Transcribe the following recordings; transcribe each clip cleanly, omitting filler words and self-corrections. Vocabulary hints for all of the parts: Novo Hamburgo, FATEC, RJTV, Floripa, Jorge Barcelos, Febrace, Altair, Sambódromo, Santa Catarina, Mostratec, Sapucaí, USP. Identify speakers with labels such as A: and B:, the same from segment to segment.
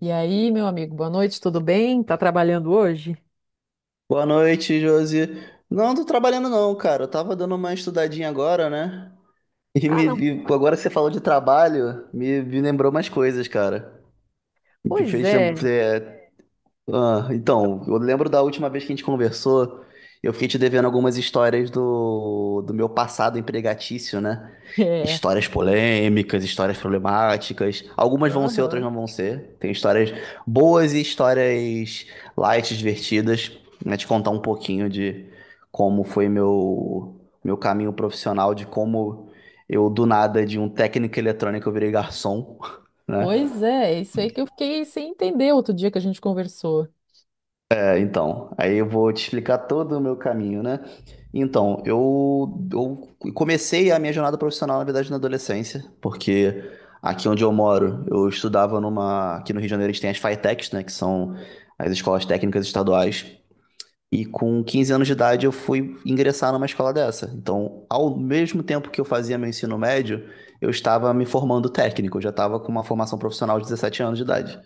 A: E aí, meu amigo, boa noite, tudo bem? Tá trabalhando hoje?
B: Boa noite, Josi. Não, tô trabalhando não, cara. Eu tava dando uma estudadinha agora, né? E
A: Ah,
B: me,
A: não.
B: e agora que você falou de trabalho, me lembrou umas coisas, cara. Me
A: Pois
B: fez,
A: é.
B: então, eu lembro da última vez que a gente conversou, eu fiquei te devendo algumas histórias do meu passado empregatício, né?
A: É.
B: Histórias polêmicas, histórias problemáticas. Algumas vão ser, outras
A: Aham.
B: não vão ser. Tem histórias boas e histórias light, divertidas. Né? Te contar um pouquinho de como foi meu caminho profissional, de como eu, do nada, de um técnico eletrônico, eu virei garçom, né?
A: Pois é, isso aí que eu fiquei sem entender outro dia que a gente conversou.
B: Então, aí eu vou te explicar todo o meu caminho, né? Então, eu comecei a minha jornada profissional, na verdade, na adolescência, porque aqui onde eu moro, eu estudava numa. Aqui no Rio de Janeiro, a gente tem as FATECs, né? Que são as escolas técnicas estaduais. E com 15 anos de idade, eu fui ingressar numa escola dessa. Então, ao mesmo tempo que eu fazia meu ensino médio, eu estava me formando técnico, eu já estava com uma formação profissional de 17 anos de idade.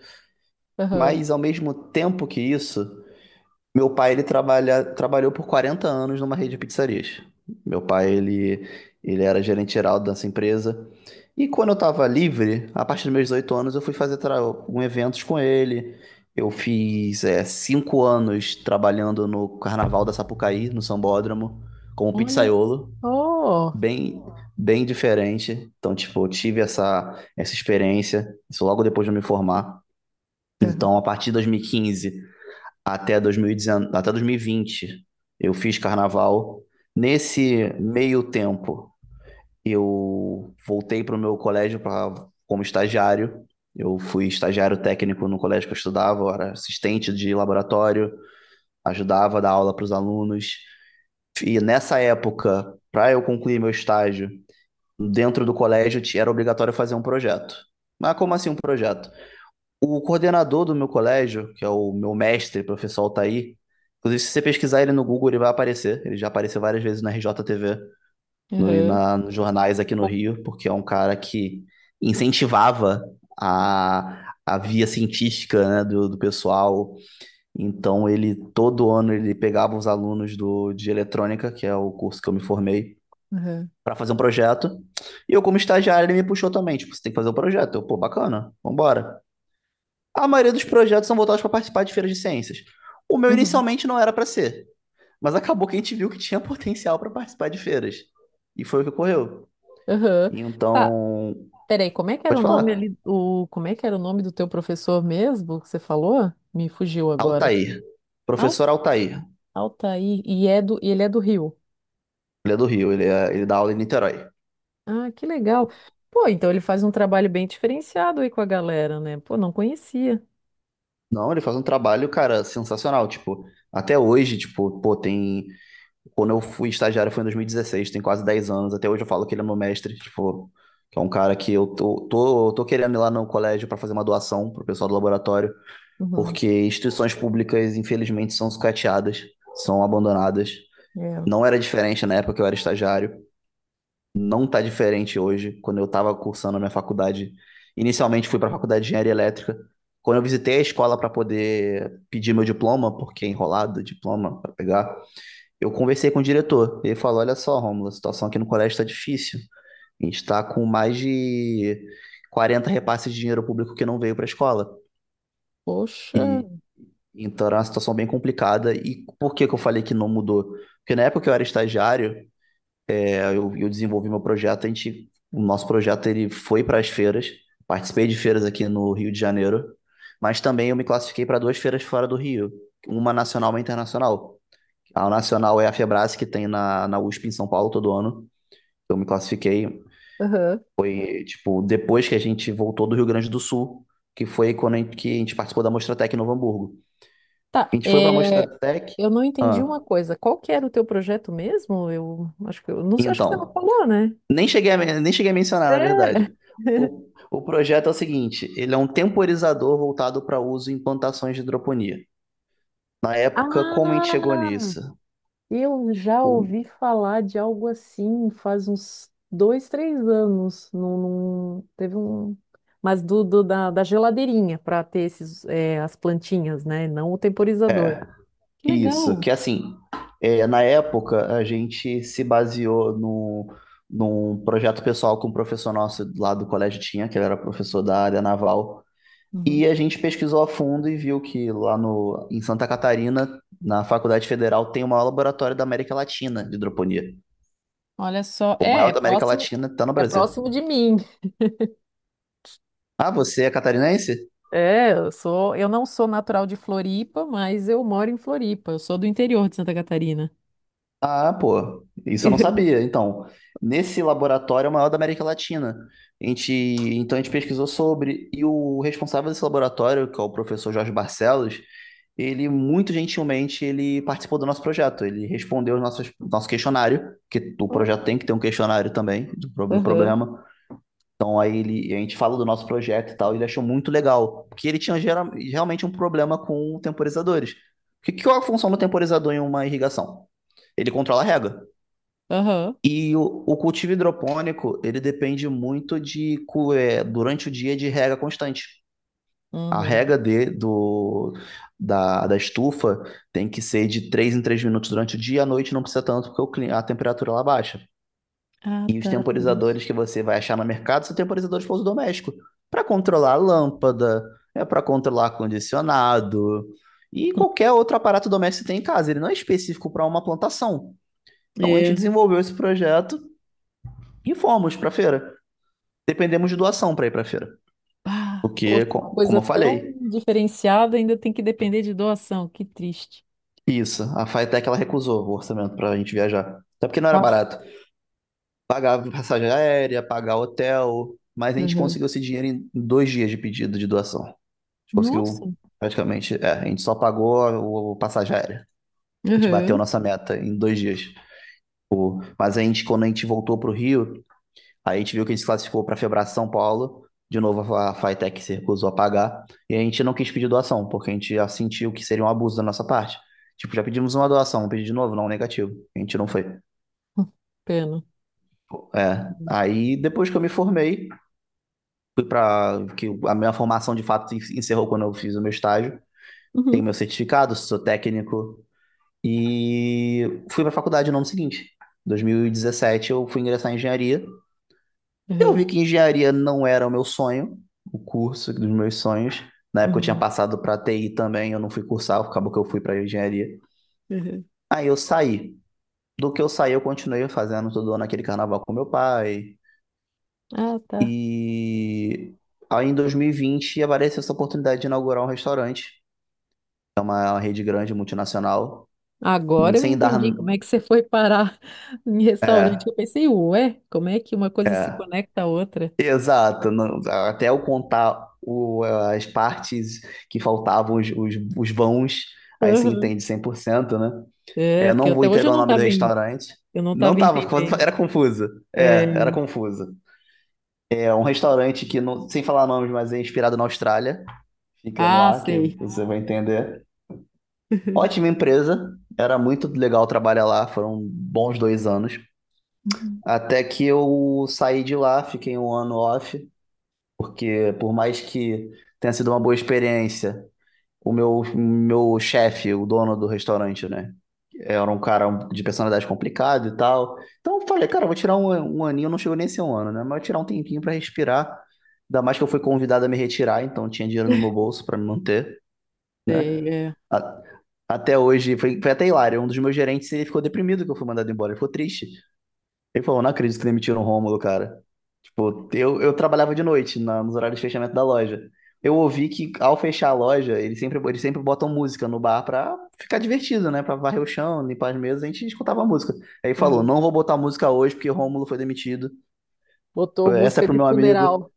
A: Aham.
B: Mas, ao mesmo tempo que isso. Meu pai, ele trabalha, trabalhou por 40 anos numa rede de pizzarias. Meu pai, ele era gerente geral dessa empresa. E quando eu estava livre, a partir dos meus 18 anos, eu fui fazer um eventos com ele. Eu fiz é, 5 anos trabalhando no Carnaval da Sapucaí, no Sambódromo, como
A: Olha
B: pizzaiolo.
A: só.
B: Bem, bem diferente. Então, tipo, eu tive essa, essa experiência, isso logo depois de eu me formar. Então,
A: Aham.
B: a partir de 2015 até 2019, até 2020, eu fiz carnaval. Nesse meio tempo, eu voltei para o meu colégio pra, como estagiário. Eu fui estagiário técnico no colégio que eu estudava, eu era assistente de laboratório, ajudava a dar aula para os alunos. E nessa época, para eu concluir meu estágio, dentro do colégio era obrigatório fazer um projeto. Mas como assim um projeto? O coordenador do meu colégio, que é o meu mestre, professor Altair, inclusive se você pesquisar ele no Google, ele vai aparecer. Ele já apareceu várias vezes na RJTV, no, e
A: Aham.
B: na, nos jornais aqui no
A: Pô.
B: Rio, porque é um cara que incentivava a via científica, né, do pessoal. Então ele todo ano ele pegava os alunos do, de eletrônica, que é o curso que eu me formei,
A: Aham.
B: para fazer um projeto. E eu como estagiário ele me puxou também, tipo, você tem que fazer um projeto. Eu, pô, bacana, vambora. A maioria dos projetos são voltados para participar de feiras de ciências. O meu
A: Uhum.
B: inicialmente não era para ser, mas acabou que a gente viu que tinha potencial para participar de feiras. E foi o que ocorreu.
A: Aham. Tá,
B: Então,
A: peraí, como é que era
B: pode
A: o nome
B: falar.
A: ali, como é que era o nome do teu professor mesmo que você falou? Me fugiu agora.
B: Altair.
A: Al-
B: Professor Altair.
A: Altair, e ele é do Rio.
B: Ele é do Rio, ele, é, ele dá aula em Niterói.
A: Ah, que legal. Pô, então ele faz um trabalho bem diferenciado aí com a galera, né? Pô, não conhecia.
B: Não, ele faz um trabalho, cara, sensacional. Tipo, até hoje, tipo, pô, tem. Quando eu fui estagiário foi em 2016, tem quase 10 anos. Até hoje eu falo que ele é meu mestre, tipo, que é um cara que eu tô querendo ir lá no colégio para fazer uma doação pro pessoal do laboratório.
A: Uhum.
B: Porque instituições públicas, infelizmente, são sucateadas, são abandonadas.
A: É.
B: Não era diferente na época que eu era estagiário, não está diferente hoje, quando eu estava cursando a minha faculdade. Inicialmente fui para a faculdade de engenharia elétrica. Quando eu visitei a escola para poder pedir meu diploma, porque é enrolado o diploma para pegar, eu conversei com o diretor. Ele falou: Olha só, Romulo, a situação aqui no colégio está difícil. A gente está com mais de 40 repasses de dinheiro público que não veio para a escola.
A: Poxa.
B: E Então era uma situação bem complicada. E por que que eu falei que não mudou? Porque na época que eu era estagiário, eu desenvolvi meu projeto, a gente, o nosso projeto ele foi para as feiras, participei de feiras aqui no Rio de Janeiro, mas também eu me classifiquei para duas feiras fora do Rio, uma nacional e uma internacional. A nacional é a Febrace, que tem na USP em São Paulo todo ano. Eu me classifiquei,
A: Aham.
B: e, tipo, depois que a gente voltou do Rio Grande do Sul, que foi quando a gente, que a gente participou da Mostratec em Novo Hamburgo. A
A: Tá,
B: gente foi para a
A: é,
B: Mostratec,
A: eu não entendi
B: ah,
A: uma coisa. Qual que era o teu projeto mesmo? Eu acho que eu não sei, acho que você não
B: então,
A: falou, né?
B: nem cheguei a mencionar, na
A: É.
B: verdade. O projeto é o seguinte, ele é um temporizador voltado para uso em plantações de hidroponia. Na época, como a gente chegou
A: Ah!
B: nisso?
A: Eu já
B: O-
A: ouvi falar de algo assim faz uns dois, três anos. Teve um. Mas da geladeirinha para ter esses, as plantinhas, né? Não o temporizador. Que
B: Isso,
A: legal.
B: que assim, na época a gente se baseou no, num projeto pessoal que um professor nosso lá do colégio tinha, que ele era professor da área naval,
A: Uhum.
B: e a gente pesquisou a fundo e viu que lá no, em Santa Catarina, na Faculdade Federal, tem o maior laboratório da América Latina de hidroponia.
A: Olha só,
B: O
A: é,
B: maior
A: é
B: da América
A: próximo,
B: Latina tá no
A: é
B: Brasil.
A: próximo de mim.
B: Ah, você é catarinense?
A: É, eu não sou natural de Floripa, mas eu moro em Floripa. Eu sou do interior de Santa Catarina.
B: Ah, pô, isso eu não sabia. Então, nesse laboratório é o maior da América Latina. A gente, então a gente pesquisou sobre, e o responsável desse laboratório, que é o professor Jorge Barcelos, ele muito gentilmente ele participou do nosso projeto. Ele respondeu o nosso questionário, que o projeto
A: Oh.
B: tem que ter um questionário também do
A: Aham,
B: problema. Então aí ele, a gente fala do nosso projeto e tal, e ele achou muito legal, porque ele tinha realmente um problema com temporizadores. O que, que é a função do temporizador em uma irrigação? Ele controla a rega.
A: aham,
B: E o cultivo hidropônico, ele depende muito durante o dia de rega constante. A
A: uhum.
B: rega da estufa tem que ser de 3 em 3 minutos durante o dia, à noite não precisa tanto, porque o a temperatura lá baixa.
A: Ah,
B: E os
A: tá, por isso.
B: temporizadores que você vai achar no mercado são temporizadores para uso doméstico, para controlar a lâmpada, é para controlar condicionado e qualquer outro aparato doméstico que você tem em casa. Ele não é específico para uma plantação. Então a gente
A: É.
B: desenvolveu esse projeto e fomos para a feira. Dependemos de doação para ir para a feira,
A: Ah,
B: porque
A: poxa, uma
B: como
A: coisa
B: eu
A: tão
B: falei,
A: diferenciada ainda tem que depender de doação. Que triste.
B: isso, a Faetec ela recusou o orçamento para a gente viajar. Até porque não era
A: Ah,
B: barato. Pagar passagem aérea, pagar hotel, mas a gente
A: uhum.
B: conseguiu esse dinheiro em 2 dias de pedido de doação.
A: Nossa.
B: Conseguiu praticamente. É, a gente só pagou o passagem aérea. A gente bateu
A: Uhum.
B: nossa meta em 2 dias. Mas a gente, quando a gente voltou para o Rio, aí a gente viu que a gente se classificou para a Febrace São Paulo. De novo, a Fitec se recusou a pagar. E a gente não quis pedir doação, porque a gente já sentiu que seria um abuso da nossa parte. Tipo, já pedimos uma doação, pedi de novo, não, negativo. A gente não foi.
A: Pena.
B: É.
A: Uhum.
B: Aí, depois que eu me formei, fui para que a minha formação de fato encerrou quando eu fiz o meu estágio. Tenho
A: Uhum.
B: meu certificado, sou técnico e fui pra faculdade no ano seguinte. 2017 eu fui ingressar em engenharia. Eu vi que engenharia não era o meu sonho, o curso dos meus sonhos. Na época eu tinha
A: Uhum.
B: passado para TI também, eu não fui cursar, acabou que eu fui para engenharia.
A: Uhum.
B: Aí eu saí. Do que eu saí, eu continuei fazendo todo ano aquele carnaval com meu pai.
A: Ah, tá.
B: E aí em 2020 apareceu essa oportunidade de inaugurar um restaurante. É uma rede grande multinacional,
A: Agora eu
B: sem dar.
A: entendi como é que você foi parar em restaurante. Eu pensei, ué, como é que uma coisa se conecta à outra?
B: Exato, até eu contar as partes que faltavam, os vãos, aí você
A: Aham.
B: entende 100%, né?
A: É,
B: Eu
A: porque
B: não vou
A: até hoje eu
B: entregar o
A: não
B: nome do
A: estava
B: restaurante.
A: eu não
B: Não
A: estava
B: tava,
A: entendendo.
B: era confusa. É,
A: É,
B: era confusa. É um restaurante que, não, sem falar nomes, mas é inspirado na Austrália. Fica no
A: ah,
B: ar, que
A: sei.
B: você vai entender. Ótima empresa, era muito legal trabalhar lá, foram bons 2 anos.
A: Uhum.
B: Até que eu saí de lá, fiquei um ano off. Porque por mais que tenha sido uma boa experiência, o meu chefe, o dono do restaurante, né? Era um cara de personalidade complicada e tal. Então eu falei, cara, eu vou tirar um, um aninho, não chegou nem a ser um ano, né? Mas eu vou tirar um tempinho pra respirar. Ainda mais que eu fui convidado a me retirar, então tinha dinheiro no meu bolso pra me manter, né?
A: Sei, é.
B: A- Até hoje, foi até hilário. Um dos meus gerentes, ele ficou deprimido que eu fui mandado embora. Ele ficou triste. Ele falou, não acredito que demitiram o Rômulo, cara. Pô, eu trabalhava de noite, nos horários de fechamento da loja. Eu ouvi que ao fechar a loja, eles sempre botam música no bar pra ficar divertido, né? Pra varrer o chão, limpar as mesas, a gente escutava a música. Aí falou,
A: Aham.
B: não vou botar música hoje porque Rômulo foi demitido.
A: Botou
B: Essa é
A: música
B: pro
A: de
B: meu amigo.
A: funeral.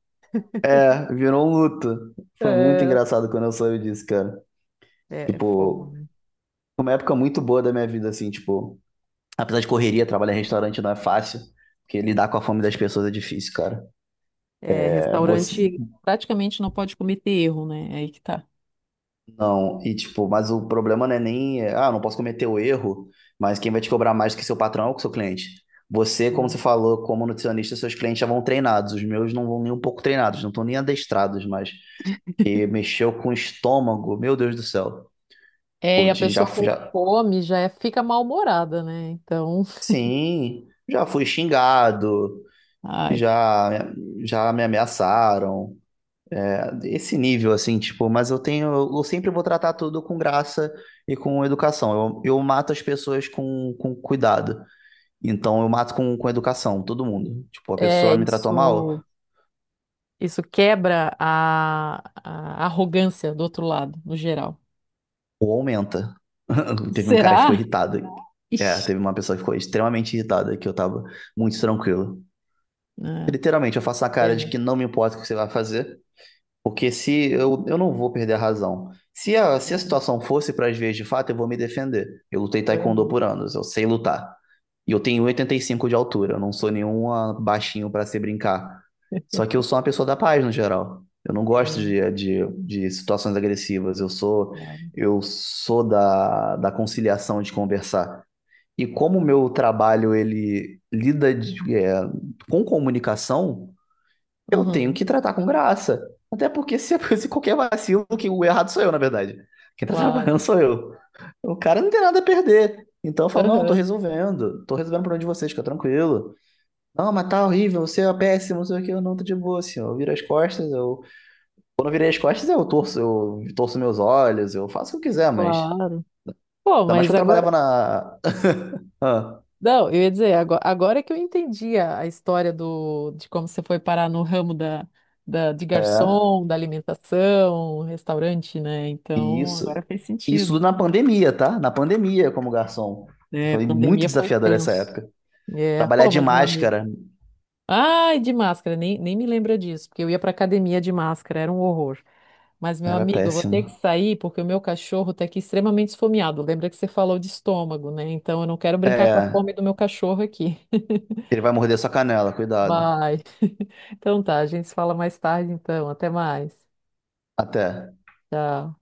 B: É, virou um luto. Foi muito
A: É,
B: engraçado quando eu soube disso, cara.
A: é fogo,
B: Tipo,
A: né?
B: foi uma época muito boa da minha vida, assim, tipo... Apesar de correria, trabalhar em restaurante não é fácil, porque lidar com a fome das pessoas é difícil, cara.
A: É,
B: É,
A: restaurante praticamente não pode cometer erro, né? É aí que tá.
B: não, e tipo, mas o problema não é nem, não posso cometer o erro, mas quem vai te cobrar mais do que seu patrão ou que seu cliente. Você, como você falou, como nutricionista, seus clientes já vão treinados, os meus não vão nem um pouco treinados, não estão nem adestrados, mas que mexeu com o estômago, meu Deus do céu.
A: É,
B: Pô,
A: e a
B: já,
A: pessoa com
B: já,
A: fome já fica mal-humorada, né? Então,
B: sim, já fui xingado,
A: ai,
B: já, já me ameaçaram. Esse nível, assim, tipo, mas eu tenho, eu sempre vou tratar tudo com graça e com educação. Eu mato as pessoas com cuidado. Então eu mato com educação, todo mundo. Tipo, a
A: é
B: pessoa me tratou
A: isso.
B: mal,
A: Isso quebra a arrogância do outro lado, no geral.
B: ou aumenta. Teve um cara que ficou
A: Será?
B: irritado. É,
A: Ixi,
B: teve uma pessoa que ficou extremamente irritada, que eu tava muito tranquilo.
A: né?
B: Literalmente, eu faço a cara de
A: Pena.
B: que não me importa o que você vai fazer. Porque se eu, eu não vou perder a razão. Se a
A: Claro.
B: situação fosse para as veias de fato, eu vou me defender. Eu lutei taekwondo
A: Aham.
B: por anos, eu sei lutar. E eu tenho 85 de altura, eu não sou nenhum baixinho para se brincar. Só que eu sou uma pessoa da paz no geral. Eu não gosto
A: Sim,
B: de situações agressivas. Eu sou
A: claro.
B: eu sou da conciliação de conversar. E como o meu trabalho ele lida com comunicação, eu tenho
A: Uhum,
B: que tratar com graça. Até porque se, se qualquer vacilo, que o errado sou eu, na verdade. Quem tá trabalhando
A: claro.
B: sou eu. O cara não tem nada a perder. Então eu falo, não, tô
A: Aham,
B: resolvendo. Tô resolvendo o problema de vocês, fica tranquilo. Não, mas tá horrível, você é péssimo, não sei o que, eu não tô de boa, assim, ó. Eu viro as costas, eu. Quando eu virei as costas, eu torço meus olhos, eu faço o que eu quiser, mas.
A: claro. Pô,
B: Ainda mais que
A: mas
B: eu
A: agora.
B: trabalhava na. Ah,
A: Não, eu ia dizer, agora, que eu entendi a história de como você foi parar no ramo de garçom, da alimentação, restaurante, né?
B: e
A: Então, agora
B: isso.
A: fez
B: Isso
A: sentido.
B: na pandemia, tá? Na pandemia, como garçom.
A: É,
B: Foi muito
A: pandemia foi
B: desafiador essa
A: tenso.
B: época.
A: É,
B: Trabalhar
A: pô,
B: de
A: mas meu amigo.
B: máscara
A: Ai, de máscara, nem me lembra disso, porque eu ia pra academia de máscara, era um horror. Mas, meu
B: era
A: amigo, eu vou ter que
B: péssimo.
A: sair porque o meu cachorro tá aqui extremamente esfomeado. Lembra que você falou de estômago, né? Então, eu não quero brincar com a
B: É,
A: fome do meu cachorro aqui.
B: ele vai morder sua canela, cuidado.
A: Vai. Então tá, a gente se fala mais tarde então. Até mais.
B: Até.
A: Tchau.